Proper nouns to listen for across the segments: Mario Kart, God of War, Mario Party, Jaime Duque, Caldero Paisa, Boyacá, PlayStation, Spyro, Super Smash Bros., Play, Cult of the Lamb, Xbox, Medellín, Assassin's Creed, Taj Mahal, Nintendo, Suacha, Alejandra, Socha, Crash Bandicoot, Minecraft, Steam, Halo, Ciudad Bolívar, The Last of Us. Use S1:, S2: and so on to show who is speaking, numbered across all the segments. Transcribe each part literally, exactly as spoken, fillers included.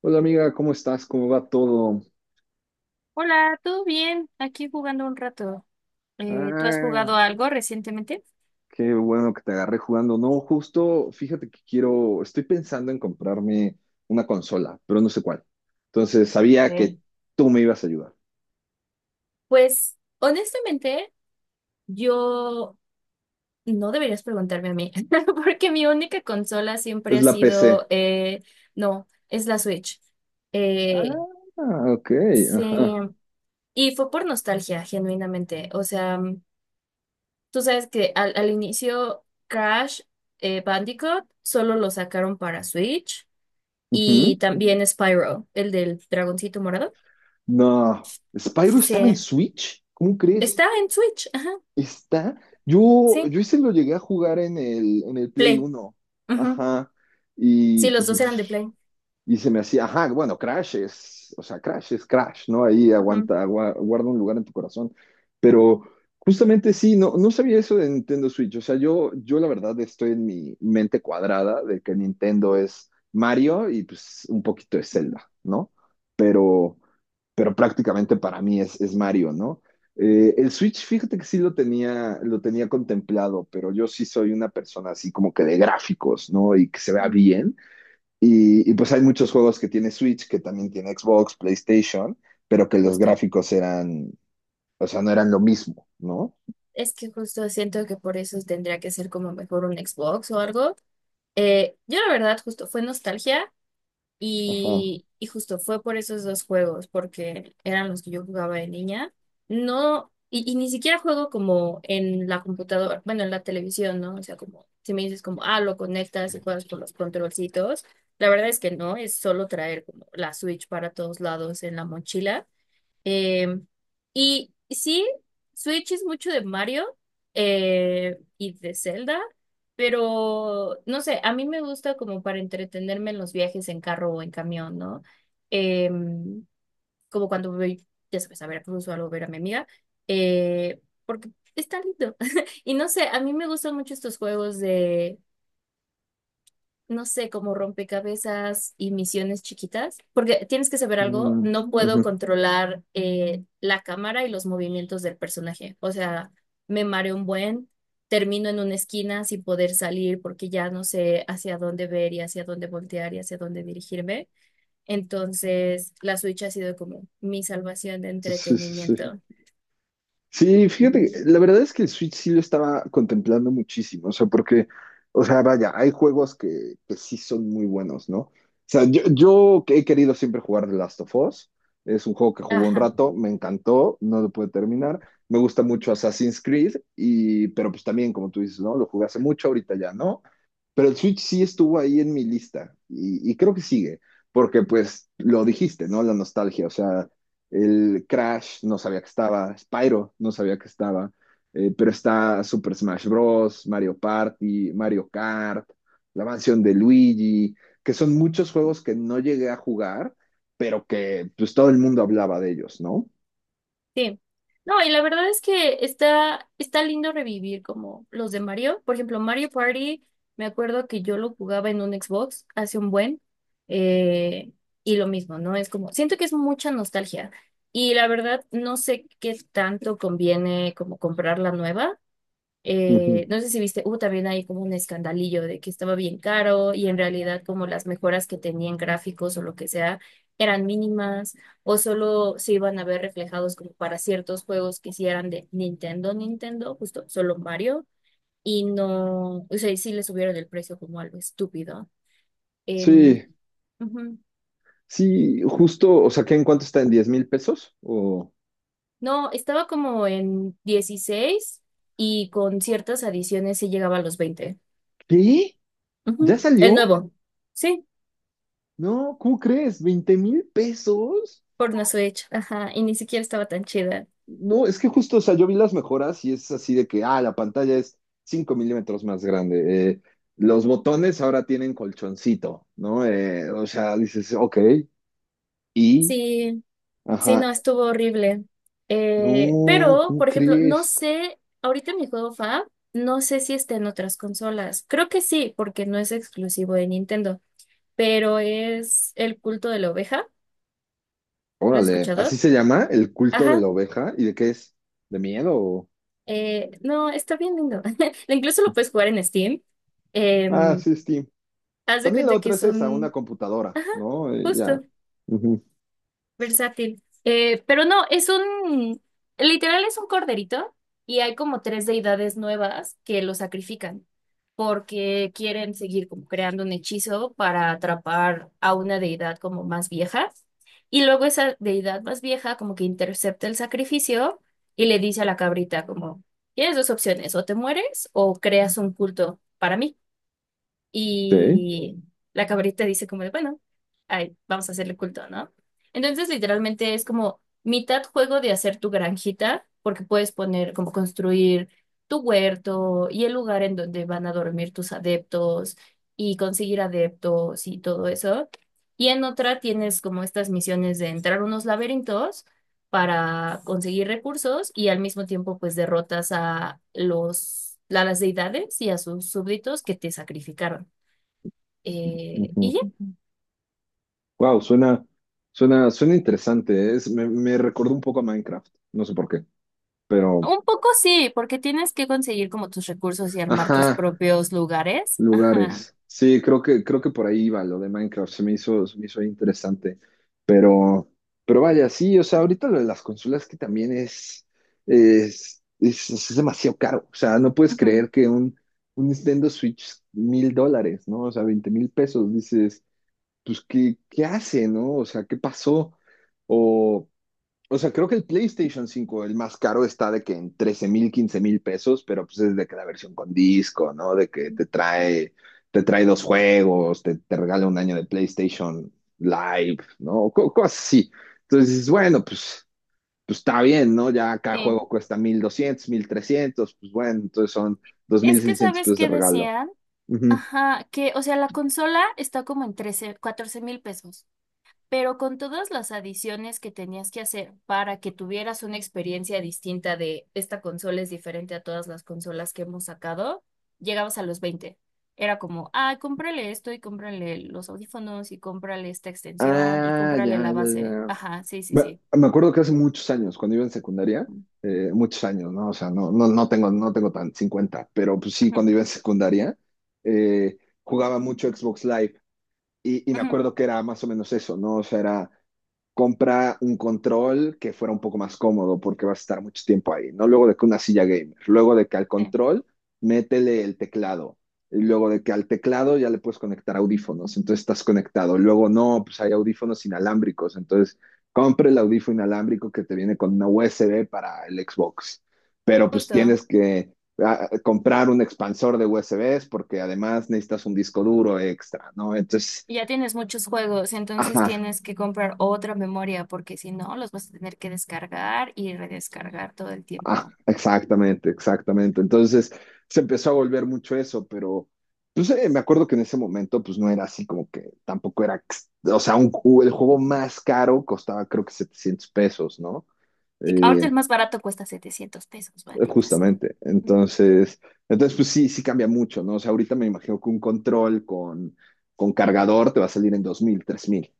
S1: Hola amiga, ¿cómo estás? ¿Cómo va todo?
S2: Hola, ¿todo bien? Aquí jugando un rato. Eh, ¿tú has jugado
S1: Ah,
S2: algo recientemente?
S1: qué bueno que te agarré jugando. No, justo, fíjate que quiero, estoy pensando en comprarme una consola, pero no sé cuál. Entonces, sabía que
S2: Ok.
S1: tú me ibas a ayudar.
S2: Pues honestamente, yo no deberías preguntarme a mí, porque mi única consola siempre
S1: Es
S2: ha
S1: la
S2: sido,
S1: P C.
S2: eh, no, es la Switch. Eh,
S1: Ah, ok,
S2: sí,
S1: ajá.
S2: y fue por nostalgia, genuinamente. O sea, tú sabes que al, al inicio Crash, eh, Bandicoot, solo lo sacaron para Switch, y
S1: Ujú.
S2: también Spyro, el del dragoncito morado.
S1: No, Spyro estaba en
S2: Sí.
S1: Switch, ¿cómo crees?
S2: Está en Switch, ajá.
S1: Está, yo,
S2: Sí,
S1: yo ese lo llegué a jugar en el, en el Play
S2: Play.
S1: Uno.
S2: Ajá.
S1: Ajá.
S2: Sí,
S1: Y,
S2: los
S1: y
S2: dos eran de Play.
S1: Y se me hacía, ajá, bueno, Crash es, o sea, Crash es Crash, ¿no? Ahí
S2: Ajá.
S1: aguanta, agua- guarda un lugar en tu corazón. Pero justamente sí, no, no sabía eso de Nintendo Switch. O sea, yo, yo la verdad estoy en mi mente cuadrada de que Nintendo es Mario y pues un poquito de Zelda, ¿no? Pero, pero prácticamente para mí es, es, Mario, ¿no? Eh, el Switch, fíjate que sí lo tenía, lo tenía contemplado, pero yo sí soy una persona así como que de gráficos, ¿no? Y que se vea
S2: Mm,
S1: bien. Y, y, pues hay muchos juegos que tiene Switch, que también tiene Xbox, PlayStation, pero que los
S2: justo.
S1: gráficos eran, o sea, no eran lo mismo, ¿no?
S2: Es que justo siento que por eso tendría que ser como mejor un Xbox o algo. Eh, yo la verdad, justo fue nostalgia.
S1: Ajá.
S2: Y, y justo fue por esos dos juegos, porque eran los que yo jugaba de niña. No, y, y ni siquiera juego como en la computadora, bueno, en la televisión, ¿no? O sea, como si me dices como, ah, lo conectas y juegas con los controlcitos. La verdad es que no, es solo traer como la Switch para todos lados en la mochila. Eh, y sí, Switch es mucho de Mario, eh, y de Zelda, pero no sé, a mí me gusta como para entretenerme en los viajes en carro o en camión, ¿no? Em, Como cuando voy, ya sabes, a Veracruz o algo, a ver a mi amiga, eh, porque está lindo. Y no sé, a mí me gustan mucho estos juegos de, no sé, como rompecabezas y misiones chiquitas, porque tienes que saber algo,
S1: Mm,
S2: no puedo
S1: ujú.
S2: controlar, eh, la cámara y los movimientos del personaje, o sea, me mareo un buen, termino en una esquina sin poder salir porque ya no sé hacia dónde ver y hacia dónde voltear y hacia dónde dirigirme. Entonces, la Switch ha sido como mi salvación de
S1: Sí, sí, sí.
S2: entretenimiento.
S1: Sí, fíjate, la verdad es que el Switch sí lo estaba contemplando muchísimo, o sea, porque, o sea, vaya, hay juegos que, que sí son muy buenos, ¿no? O sea, yo, yo que he querido siempre jugar The Last of Us, es un juego que jugué un
S2: Ajá.
S1: rato, me encantó, no lo pude terminar, me gusta mucho Assassin's Creed, y, pero pues también, como tú dices, ¿no? Lo jugué hace mucho, ahorita ya, ¿no? Pero el Switch sí estuvo ahí en mi lista y, y creo que sigue, porque pues lo dijiste, ¿no? La nostalgia, o sea, el Crash no sabía que estaba, Spyro no sabía que estaba, eh, pero está Super Smash Bros., Mario Party, Mario Kart, la mansión de Luigi, que son muchos juegos que no llegué a jugar, pero que pues todo el mundo hablaba de ellos, ¿no?
S2: Sí. No, y la verdad es que está, está lindo revivir como los de Mario. Por ejemplo, Mario Party, me acuerdo que yo lo jugaba en un Xbox hace un buen. eh, y lo mismo, ¿no? Es como, siento que es mucha nostalgia. Y la verdad, no sé qué tanto conviene como comprar la nueva.
S1: Ujú.
S2: Eh, no sé si viste, hubo también ahí como un escandalillo de que estaba bien caro y en realidad como las mejoras que tenían gráficos o lo que sea eran mínimas o solo se iban a ver reflejados como para ciertos juegos que sí eran de Nintendo, Nintendo, justo solo Mario. Y no, o sea, y sí le subieron el precio como algo estúpido. Em,
S1: Sí,
S2: Ujú.
S1: sí, justo, o sea, ¿qué en cuánto está? ¿En diez mil pesos? ¿O
S2: No, estaba como en dieciséis y con ciertas adiciones sí llegaba a los veinte.
S1: qué? ¿Ya
S2: Ujú. El
S1: salió?
S2: nuevo. Sí,
S1: No, ¿cómo crees? ¿Veinte mil pesos?
S2: por una Switch, ajá, y ni siquiera estaba tan chida.
S1: No, es que justo, o sea, yo vi las mejoras y es así de que, ah, la pantalla es cinco milímetros más grande. Eh, los botones ahora tienen colchoncito, ¿no? Eh, o sea, dices, ok, y,
S2: Sí, sí,
S1: ajá,
S2: no, estuvo horrible. Eh,
S1: no,
S2: pero,
S1: ¿cómo
S2: por ejemplo, no
S1: crees?
S2: sé, ahorita mi juego fab, no sé si está en otras consolas. Creo que sí, porque no es exclusivo de Nintendo, pero es El culto de la oveja. ¿Lo has
S1: Órale, así
S2: escuchado?
S1: se llama el culto de
S2: Ajá.
S1: la oveja y de qué es, de miedo. o-
S2: Eh, no, está bien lindo. Incluso lo puedes jugar en Steam.
S1: Ah,
S2: Em,
S1: sí, Steam.
S2: Haz de
S1: También la
S2: cuenta que
S1: otra
S2: es
S1: es esa, una
S2: un...
S1: computadora,
S2: Ajá,
S1: ¿no? Eh,
S2: justo.
S1: ya. Ujú.
S2: Versátil. Eh, pero no, es un, literal es un corderito y hay como tres deidades nuevas que lo sacrifican porque quieren seguir como creando un hechizo para atrapar a una deidad como más vieja. Y luego esa deidad más vieja como que intercepta el sacrificio y le dice a la cabrita como, tienes dos opciones, o te mueres o creas un culto para mí. Y la cabrita dice como de, bueno, ay, vamos a hacerle culto, ¿no? Entonces, literalmente es como mitad juego de hacer tu granjita, porque puedes poner como construir tu huerto y el lugar en donde van a dormir tus adeptos y conseguir adeptos y todo eso. Y en otra tienes como estas misiones de entrar a unos laberintos para conseguir recursos y al mismo tiempo pues derrotas a los, a las deidades y a sus súbditos que te sacrificaron. Eh, y
S1: Sí.
S2: ya,
S1: Wow, suena, suena, suena interesante. Es, me, me recordó un poco a Minecraft. No sé por qué, pero.
S2: un poco sí, porque tienes que conseguir como tus recursos y armar tus
S1: Ajá,
S2: propios lugares. Ajá.
S1: lugares. Sí, creo que, creo que por ahí iba lo de Minecraft. Se me hizo, se me hizo interesante. Pero, pero vaya, sí, o sea, ahorita lo de las consolas que también es, es, es, es demasiado caro. O sea, no puedes
S2: Ujú.
S1: creer que un, un Nintendo Switch mil dólares, ¿no? O sea, veinte mil pesos. Dices, pues, ¿qué, qué hace, no? O sea, ¿qué pasó? O. O sea, creo que el PlayStation cinco el más caro, está de que en trece mil, quince mil pesos, pero pues es de que la versión con disco, ¿no? De que te trae, te trae dos juegos, te, te regala un año de PlayStation Live, ¿no? Co- cosas así. Entonces dices, bueno, pues, pues está bien, ¿no? Ya cada juego
S2: Sí.
S1: cuesta mil doscientos, mil trescientos, pues bueno, entonces son dos mil
S2: Es que,
S1: seiscientos
S2: ¿sabes
S1: pesos de
S2: qué
S1: regalo.
S2: decían? Ajá, que, o sea, la consola está como en trece catorce mil pesos. Pero con todas las adiciones que tenías que hacer para que tuvieras una experiencia distinta de esta consola es diferente a todas las consolas que hemos sacado, llegabas a los veinte. Era como, ah, cómprale esto y cómprale los audífonos y cómprale esta extensión y
S1: Ah,
S2: cómprale
S1: ya,
S2: la
S1: ya,
S2: base.
S1: ya.
S2: Ajá, sí, sí,
S1: Me,
S2: sí.
S1: me acuerdo que hace muchos años, cuando iba en secundaria, eh, muchos años, ¿no? O sea, no, no, no tengo, no tengo tan cincuenta, pero pues sí,
S2: Ujú,
S1: cuando iba en secundaria, eh, jugaba mucho Xbox Live y, y me
S2: ujú,
S1: acuerdo que era más o menos eso, ¿no? O sea, era compra un control que fuera un poco más cómodo porque vas a estar mucho tiempo ahí, ¿no? Luego de que una silla gamer, luego de que al
S2: sí,
S1: control métele el teclado, y luego de que al teclado ya le puedes conectar audífonos, entonces estás conectado, luego no, pues hay audífonos inalámbricos, entonces compre el audífono inalámbrico que te viene con una U S B para el Xbox, pero pues
S2: justo.
S1: tienes que ah, comprar un expansor de U S Bs porque además necesitas un disco duro extra, ¿no? Entonces...
S2: Y ya tienes muchos juegos, entonces
S1: Ajá,
S2: tienes que comprar otra memoria porque si no, los vas a tener que descargar y redescargar todo el
S1: Ah,
S2: tiempo.
S1: exactamente, exactamente. Entonces se empezó a volver mucho eso, pero pues eh, me acuerdo que en ese momento pues no era así como que tampoco era, ex- o sea, un, ju- el juego más caro costaba creo que setecientos pesos, ¿no?
S2: Sí, ahorita el
S1: Eh,
S2: más barato cuesta setecientos pesos, maldita sea.
S1: justamente. Entonces, entonces pues sí, sí cambia mucho, ¿no? O sea, ahorita me imagino que un control con, con cargador te va a salir en dos mil, tres mil.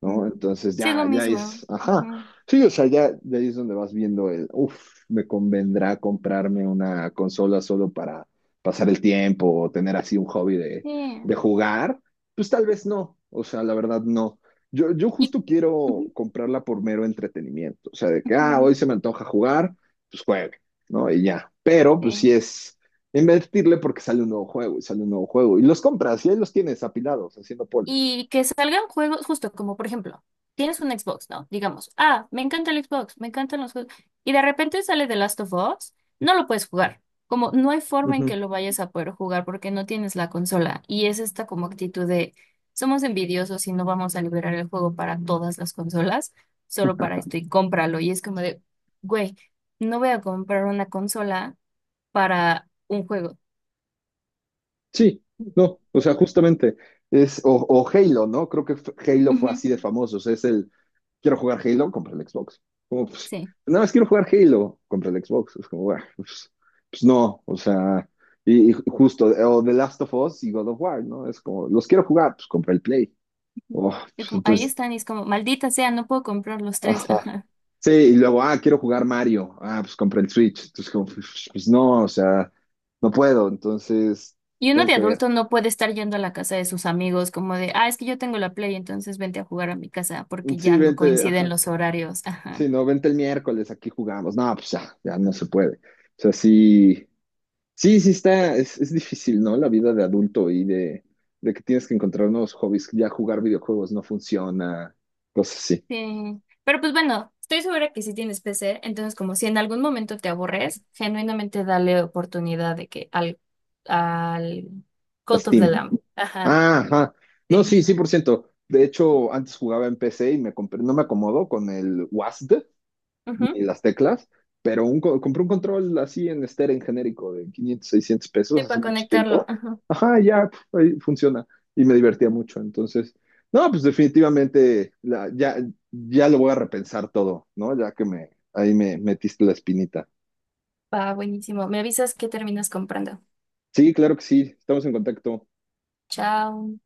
S1: ¿No?
S2: Ujú.
S1: Entonces
S2: Sí, es lo
S1: ya, ya
S2: mismo.
S1: es, ajá.
S2: Ujú.
S1: Sí, o sea, ya, ya ahí es donde vas viendo el, uff, me convendrá comprarme una consola solo para pasar el tiempo o tener así un hobby de,
S2: Sí.
S1: de jugar. Pues tal vez no, o sea, la verdad no. Yo, yo
S2: Y,
S1: justo quiero
S2: ujú,
S1: comprarla por mero entretenimiento, o sea, de que, ah,
S2: ujú,
S1: hoy se me antoja jugar, pues juegue, ¿no? Y ya. Pero, pues sí
S2: sí.
S1: es invertirle porque sale un nuevo juego y sale un nuevo juego y los compras y ahí los tienes apilados, haciendo polvo.
S2: Y que salgan juegos, justo como por ejemplo, tienes un Xbox, ¿no? Digamos, ah, me encanta el Xbox, me encantan los juegos. Y de repente sale The Last of Us, no lo puedes jugar. Como no hay forma en que lo vayas a poder jugar porque no tienes la consola. Y es esta como actitud de, somos envidiosos y no vamos a liberar el juego para todas las consolas, solo para esto y cómpralo. Y es como de, güey, no voy a comprar una consola para un juego.
S1: Sí, no, o sea, justamente es, o, o Halo, ¿no? Creo que f- Halo fue
S2: Ujú,
S1: así de famoso, o sea, es el, quiero jugar Halo, compra el Xbox. Como, pues,
S2: sí.
S1: nada más quiero jugar Halo, compra el Xbox. Es como, "Buah, pues, pues no, o sea, y, y justo, o The Last of Us y God of War, ¿no? Es como, los quiero jugar, pues compra el Play. Oh,
S2: Y
S1: pues,
S2: como- ahí
S1: entonces,
S2: están y es como, maldita sea, no puedo comprar los tres.
S1: ajá.
S2: Ajá.
S1: Sí, y luego, ah, quiero jugar Mario, ah, pues compra el Switch. Entonces, como, pues, pues no, o sea, no puedo, entonces,
S2: Y uno
S1: tengo
S2: de
S1: que ver.
S2: adulto no puede estar yendo a la casa de sus amigos como de, ah, es que yo tengo la Play, entonces vente a jugar a mi casa porque
S1: Sí,
S2: ya no, sí,
S1: vente,
S2: coinciden
S1: ajá.
S2: los horarios. Ajá.
S1: Sí, no, vente el miércoles, aquí jugamos. No, pues ya, ya no se puede. O sea, sí, sí, sí está, es, es difícil, ¿no? La vida de adulto y de, de que tienes que encontrar nuevos hobbies, ya jugar videojuegos no funciona, cosas así.
S2: Sí. Pero pues bueno, estoy segura que si tienes P C, entonces como si en algún momento te aburres, genuinamente dale oportunidad de que al, al
S1: A
S2: Cult of the
S1: Steam.
S2: Lamb. Ajá.
S1: Ah, ajá. No,
S2: Sí.
S1: sí, cien por ciento. De hecho, antes jugaba en P C y me compré, no me acomodo con el WASD,
S2: Ujú.
S1: ni las teclas, pero un, co- compré un control así en estéreo, en genérico, de quinientos seiscientos
S2: Sí,
S1: pesos hace
S2: para
S1: mucho
S2: conectarlo.
S1: tiempo.
S2: Ajá.
S1: Ajá, ya, pf, ahí funciona. Y me divertía mucho. Entonces, no, pues definitivamente la- ya, ya lo voy a repensar todo, ¿no? Ya que me, ahí me metiste la espinita.
S2: Va, buenísimo. Me avisas que terminas comprando.
S1: Sí, claro que sí, estamos en contacto.
S2: Chao.